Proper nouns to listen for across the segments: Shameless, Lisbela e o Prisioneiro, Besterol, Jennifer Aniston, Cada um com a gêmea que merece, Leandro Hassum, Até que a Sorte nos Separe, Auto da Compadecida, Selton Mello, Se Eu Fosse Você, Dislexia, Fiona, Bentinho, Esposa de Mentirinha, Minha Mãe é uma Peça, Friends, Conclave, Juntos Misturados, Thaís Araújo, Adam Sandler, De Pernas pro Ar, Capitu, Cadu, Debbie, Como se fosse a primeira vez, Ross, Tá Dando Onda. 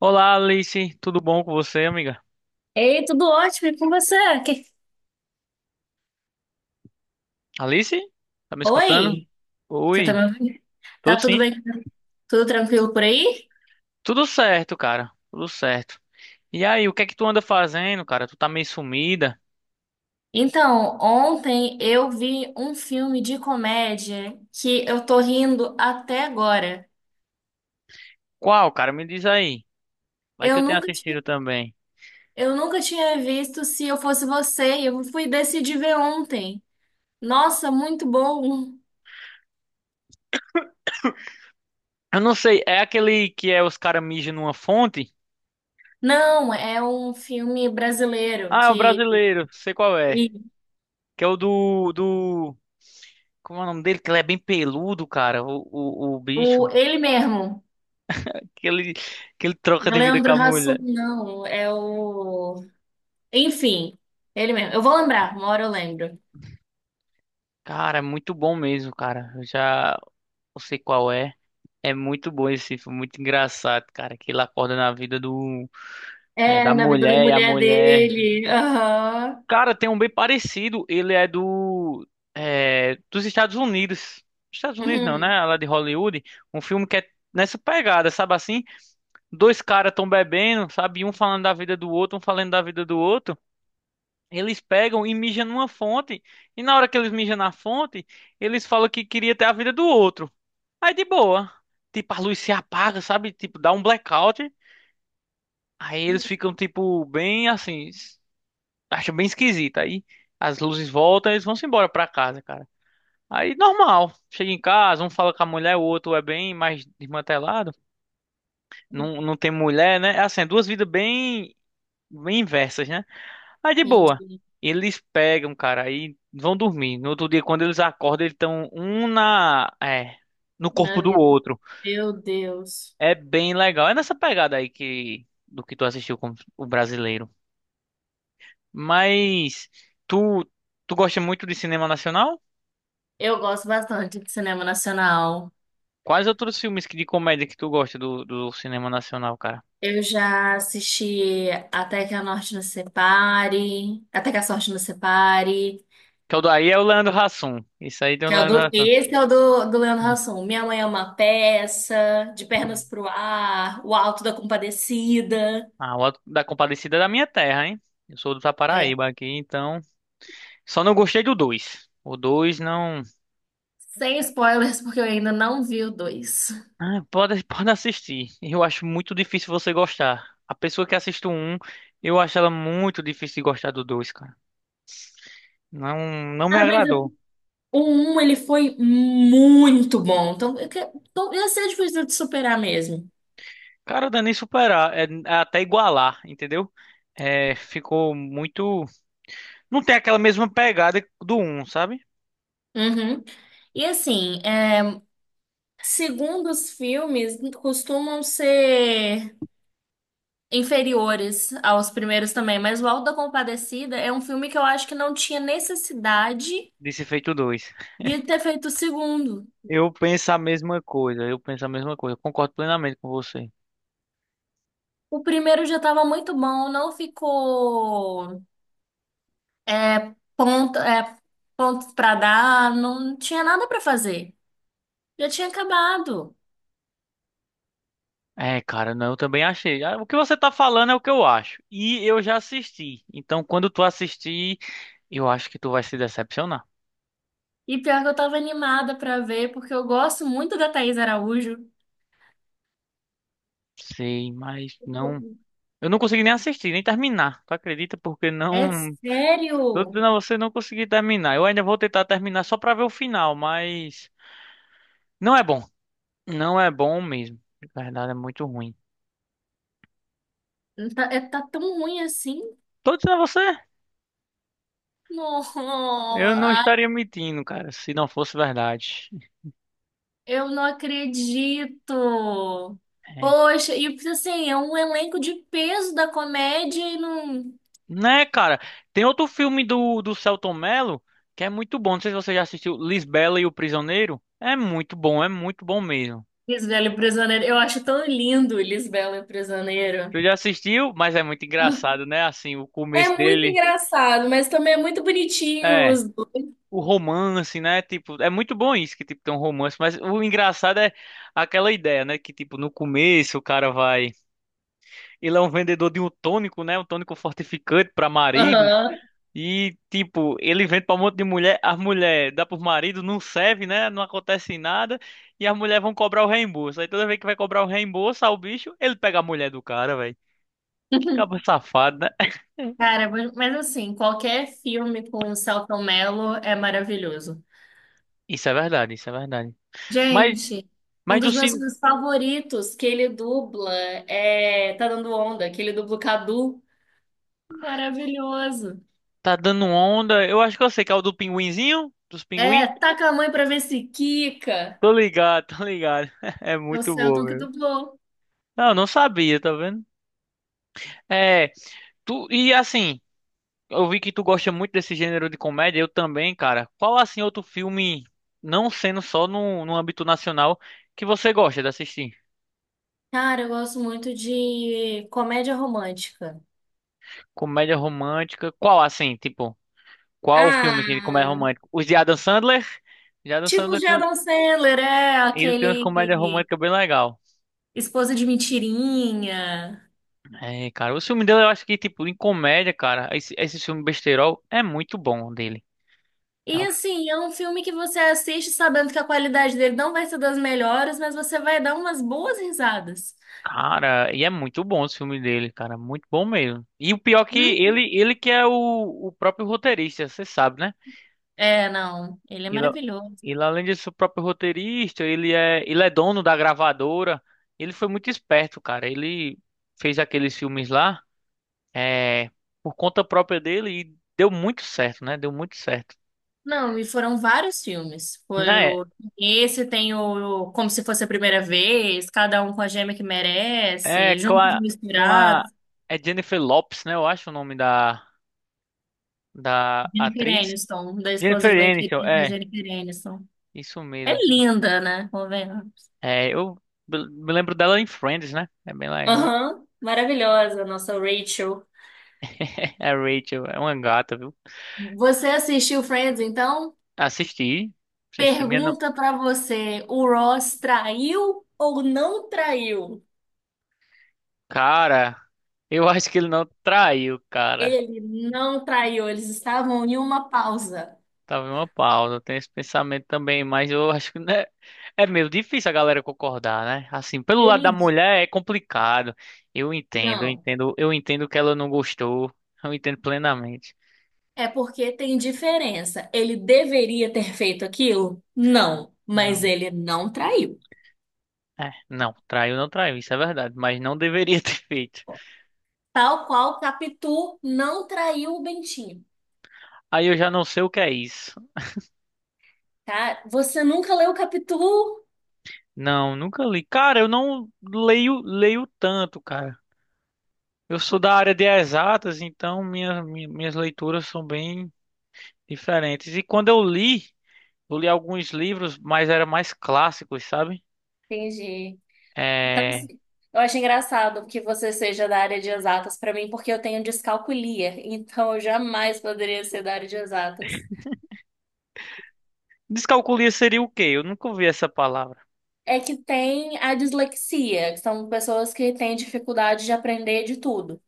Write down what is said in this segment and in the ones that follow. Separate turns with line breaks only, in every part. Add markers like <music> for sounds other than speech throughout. Olá, Alice. Tudo bom com você, amiga?
Ei, tudo ótimo, e com você? Que-
Alice? Tá me escutando?
Oi, você tá
Oi,
me ouvindo?
tô
Tá tudo
sim.
bem? Tudo tranquilo por aí?
Tudo certo, cara. Tudo certo. E aí, o que é que tu anda fazendo, cara? Tu tá meio sumida.
Então, ontem eu vi um filme de comédia que eu tô rindo até agora.
Qual, cara? Me diz aí. Vai que
Eu
eu tenho
nunca tinha,
assistido também.
eu nunca tinha visto Se Eu Fosse Você, e eu fui decidir ver ontem. Nossa, muito bom!
Eu não sei, é aquele que é os caras mijam numa fonte?
Não, é um filme brasileiro
Ah, é o
que
brasileiro, sei qual é.
e
Que é o do... Como é o nome dele? Que ele é bem peludo, cara, o
o
bicho.
ele mesmo,
Que ele troca
não é
de vida com
Leandro
a
Hassum,
mulher.
não, é o Enfim, ele mesmo. Eu vou lembrar, uma hora eu lembro.
Cara, é muito bom mesmo, cara. Eu sei qual é. É muito bom esse filme, muito engraçado, cara. Que ele acorda na vida
É,
da
na vida da
mulher e a
mulher
mulher.
dele. Aham.
Cara, tem um bem parecido. Ele é dos Estados Unidos. Estados Unidos não,
Uhum.
né? Lá de Hollywood. Um filme que é nessa pegada, sabe assim? Dois caras tão bebendo, sabe? E um falando da vida do outro, um falando da vida do outro. Eles pegam e mijam numa fonte. E na hora que eles mijam na fonte, eles falam que queria ter a vida do outro. Aí de boa. Tipo, a luz se apaga, sabe? Tipo, dá um blackout. Aí eles ficam, tipo, bem assim. Acham bem esquisito. Aí as luzes voltam e eles vão se embora pra casa, cara. Aí normal. Chega em casa, um fala com a mulher, o outro é bem mais desmantelado. Não, não tem mulher, né? É assim, é duas vidas bem, bem inversas, né? Aí de boa.
Entendi.
Eles pegam, cara, aí vão dormir. No outro dia, quando eles acordam, eles estão um no
Na
corpo do
vida.
outro.
Meu Deus.
É bem legal. É nessa pegada aí que do que tu assistiu com o brasileiro. Mas tu tu gosta muito de cinema nacional?
Eu gosto bastante de cinema nacional.
Quais outros filmes de comédia que tu gosta do cinema nacional, cara?
Eu já assisti Até que a Norte nos Separe, Até que a Sorte nos Separe,
Que é o Daí é o Leandro Hassum. Isso aí tem o
que é o
Leandro
do,
Hassum.
esse é o do, do Leandro Hassum. Minha Mãe é uma Peça, De Pernas pro Ar, O Alto da Compadecida.
Ah, o Auto da Compadecida é da minha terra, hein? Eu sou do
É,
Paraíba aqui, então só não gostei do dois. O dois não.
sem spoilers, porque eu ainda não vi o dois.
Ah, pode assistir. Eu acho muito difícil você gostar. A pessoa que assiste o um, eu acho ela muito difícil de gostar do dois, cara. Não, não me
Cara, mas é,
agradou.
o um ele foi muito bom. Então, eu que- então, ia ser difícil de superar mesmo.
Cara, não é nem superar, é até igualar, entendeu? É, ficou muito. Não tem aquela mesma pegada do um, sabe?
Uhum. E assim, é, segundo os filmes, costumam ser inferiores aos primeiros também, mas o Auto da Compadecida é um filme que eu acho que não tinha necessidade
De se feito dois.
de ter feito o segundo.
Eu penso a mesma coisa, eu penso a mesma coisa, eu concordo plenamente com você.
O primeiro já estava muito bom, não ficou é, ponto, é, pontos para dar, não tinha nada para fazer. Já tinha acabado.
É, cara, não, eu também achei. Ah, o que você tá falando é o que eu acho. E eu já assisti. Então, quando tu assistir, eu acho que tu vai se decepcionar.
E pior que eu tava animada pra ver, porque eu gosto muito da Thaís Araújo.
Sei, mas não. Eu não consegui nem assistir, nem terminar. Tu acredita? Porque
É
não. Tô
sério?
dizendo a você, não consegui terminar. Eu ainda vou tentar terminar só pra ver o final, mas não é bom. Não é bom mesmo. Na verdade, é muito ruim.
Tá, é- tá tão ruim assim?
Tô dizendo a você,
Não,
eu não
ai,
estaria mentindo, cara, se não fosse verdade.
eu não acredito.
É.
Poxa, e tipo assim, é um elenco de peso da comédia e não.
Né, cara? Tem outro filme do Selton Mello que é muito bom. Não sei se você já assistiu Lisbela e o Prisioneiro. É muito bom mesmo.
Lisbela e o Prisioneiro. Eu acho tão lindo Lisbela e o Prisioneiro.
Você já assistiu, mas é muito
Ah,
engraçado, né? Assim, o
é
começo
muito
dele.
engraçado, mas também é muito bonitinho
É.
os.
O romance, né? Tipo, é muito bom isso que tipo tem um romance, mas o engraçado é aquela ideia, né, que tipo no começo o cara vai, ele é um vendedor de um tônico, né, um tônico fortificante para maridos
Aham.
e tipo, ele vende para um monte de mulher, as mulher dá pro marido, não serve, né? Não acontece nada e as mulheres vão cobrar o reembolso. Aí toda vez que vai cobrar o reembolso ao bicho, ele pega a mulher do cara, velho. Que cabo safado, né? <laughs>
Cara, mas assim, qualquer filme com o Selton Mello é maravilhoso.
Isso é verdade, isso é verdade. Mas,
Gente, um
mas do,
dos meus
cin-
filmes favoritos que ele dubla é Tá Dando Onda, que ele dubla o Cadu. Maravilhoso.
Tá dando onda. Eu acho que eu sei que é o do pinguinzinho, dos
É,
pinguim.
Taca a mãe pra ver se quica.
Tô ligado, tô ligado. <laughs> É
É o
muito bom,
Selton que
meu.
dublou.
Não, não sabia, tá vendo? É, tu e assim, eu vi que tu gosta muito desse gênero de comédia, eu também, cara. Qual assim outro filme, não sendo só no âmbito nacional, que você gosta de assistir?
Cara, eu gosto muito de comédia romântica.
Comédia romântica. Qual assim, tipo, qual o filme que
Ah,
ele comédia romântica? Os de Adam Sandler? De Adam
tipo
Sandler,
de Adam Sandler, é
ele tem umas
aquele
comédias românticas bem legal.
Esposa de Mentirinha.
É, cara, o filme dele eu acho que, tipo, em comédia, cara, esse filme Besterol é muito bom dele. É
E
um,
assim, é um filme que você assiste sabendo que a qualidade dele não vai ser das melhores, mas você vai dar umas boas risadas.
cara, e é muito bom o filme dele, cara, muito bom mesmo. E o pior que
Hum?
ele que é o próprio roteirista, você sabe, né?
É, não, ele é
Ele, é-
maravilhoso.
ele além de ser o próprio roteirista, ele é dono da gravadora. Ele foi muito esperto, cara. Ele fez aqueles filmes lá, é, por conta própria dele e deu muito certo, né? Deu muito certo.
Não, e foram vários filmes. Foi
Na
o esse tem o Como se fosse a primeira vez, Cada um com a gêmea que
É
merece,
com
Juntos
a, com a-
Misturados,
é Jennifer Lopes, né? Eu acho o nome da
Jennifer
atriz.
Aniston, da esposa
Jennifer
de bem
Aniston,
da
é,
Jennifer Aniston.
isso
É
mesmo.
linda, né? Convenhamos.
É, eu me lembro dela em Friends, né? É bem legal.
Aham, maravilhosa, nossa Rachel.
<laughs> É a Rachel, é uma gata, viu?
Você assistiu Friends, então?
Assisti, assisti. Minha, no-
Pergunta pra você, o Ross traiu ou não traiu?
Cara, eu acho que ele não traiu, cara.
Ele não traiu, eles estavam em uma pausa.
Tava em uma pausa, eu tenho esse pensamento também, mas eu acho que né, é meio difícil a galera concordar, né? Assim, pelo lado da
Ele
mulher é complicado. Eu entendo, eu
não.
entendo, eu entendo que ela não gostou. Eu entendo plenamente.
É porque tem diferença. Ele deveria ter feito aquilo? Não, mas
Não,
ele não traiu.
não, traiu, não traiu, isso é verdade, mas não deveria <laughs> ter feito.
Tal qual Capitu não traiu o Bentinho,
Aí eu já não sei o que é isso.
tá? Você nunca leu Capitu?
Não, nunca li. Cara, eu não leio, leio tanto, cara. Eu sou da área de exatas, então minhas leituras são bem diferentes. E quando eu li Eu li alguns livros, mas eram mais clássicos, sabe?
Entendi. Então,
É.
assim, eu, acho engraçado que você seja da área de exatas para mim, porque eu tenho descalculia, então eu jamais poderia ser da área de exatas.
Descalculia seria o quê? Eu nunca ouvi essa palavra.
É que tem a dislexia, que são pessoas que têm dificuldade de aprender de tudo.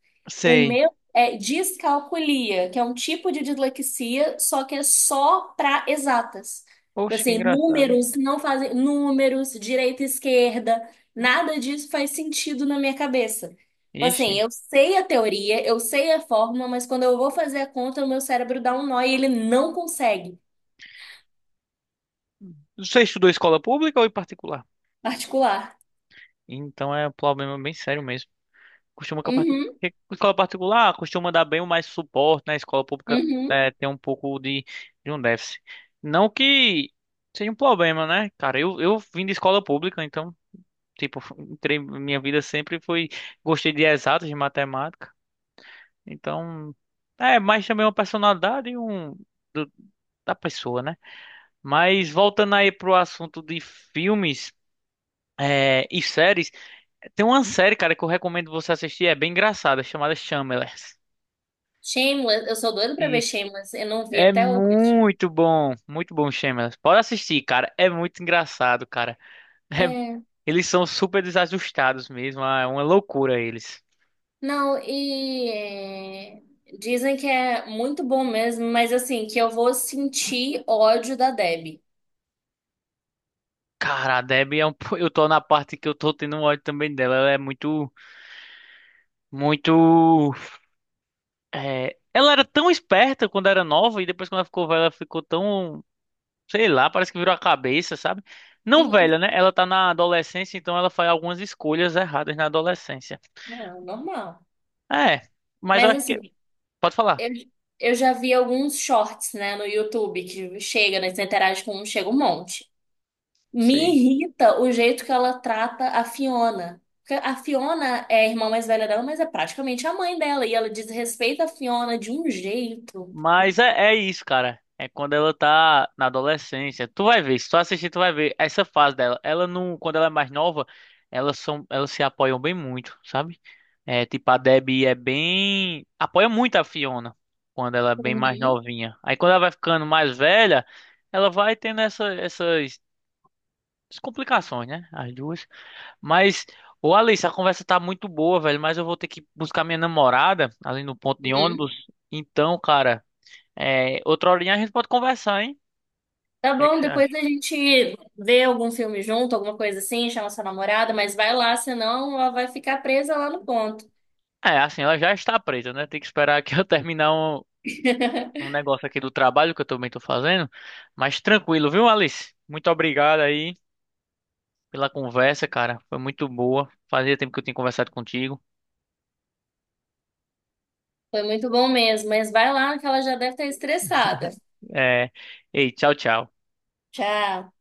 O
Sei.
meu é descalculia, que é um tipo de dislexia, só que é só para exatas.
Poxa, que
Assim,
engraçado.
números não fazem números, direita e esquerda, nada disso faz sentido na minha cabeça. Assim,
Ixi.
eu sei a teoria, eu sei a fórmula, mas quando eu vou fazer a conta, o meu cérebro dá um nó e ele não consegue
Você estudou escola pública ou em particular?
articular.
Então é um problema bem sério mesmo. Costuma que a parti-
Uhum,
que a escola particular costuma dar bem mais suporte, né? A escola pública
uhum.
tem um pouco de um déficit. Não que seja um problema, né? Cara, eu vim de escola pública, então, tipo, entrei, minha vida sempre foi. Gostei de exatas, de matemática. Então, é mais também é uma personalidade e do- da pessoa, né? Mas voltando aí pro assunto de filmes e séries, tem uma série, cara, que eu recomendo você assistir, é bem engraçada, chamada Shameless.
Shameless, eu sou doida pra ver
E
Shameless, eu não vi
é
até hoje.
muito bom, Shameless. Pode assistir, cara, é muito engraçado, cara. <laughs> É-
É,
Eles são super desajustados mesmo, é uma loucura eles.
não, e é, dizem que é muito bom mesmo, mas assim, que eu vou sentir ódio da Debbie.
Cara, a Debbie é eu tô na parte que eu tô tendo um ódio também dela, ela é muito, muito. É, ela era tão esperta quando era nova e depois quando ela ficou velha, ela ficou tão, sei lá, parece que virou a cabeça, sabe? Não
E-
velha, né? Ela tá na adolescência, então ela faz algumas escolhas erradas na adolescência.
não, normal.
É, mas eu
Mas
acho que.
assim,
Pode falar.
eu, eu já vi alguns shorts, né, no YouTube que chega, né, você interage com um, chega um monte. Me
Sei.
irrita o jeito que ela trata a Fiona. Porque a Fiona é a irmã mais velha dela, mas é praticamente a mãe dela. E ela desrespeita a Fiona de um jeito.
Mas é isso, cara. É quando ela tá na adolescência. Tu vai ver, se tu assistir, tu vai ver essa fase dela. Ela não, quando ela é mais nova, elas se apoiam bem muito, sabe? É, tipo, a Debbie é bem, apoia muito a Fiona quando ela é bem mais
Uhum,
novinha. Aí quando ela vai ficando mais velha, ela vai tendo essas complicações, né? As duas. Mas, ô Alice, a conversa tá muito boa, velho, mas eu vou ter que buscar minha namorada ali no ponto de
uhum.
ônibus. Então, cara, outra horinha a gente pode conversar, hein?
Tá
O que é que
bom,
você
depois
acha?
a gente vê algum filme junto, alguma coisa assim, chama sua namorada, mas vai lá, senão ela vai ficar presa lá no ponto.
É, assim, ela já está presa, né? Tem que esperar que <laughs> eu terminar um
<laughs>
negócio aqui do trabalho que eu também tô fazendo. Mas tranquilo, viu, Alice? Muito obrigado aí pela conversa, cara. Foi muito boa. Fazia tempo que eu tinha conversado contigo.
Foi muito bom mesmo, mas vai lá que ela já deve estar estressada.
É, ei, tchau, tchau.
Tchau.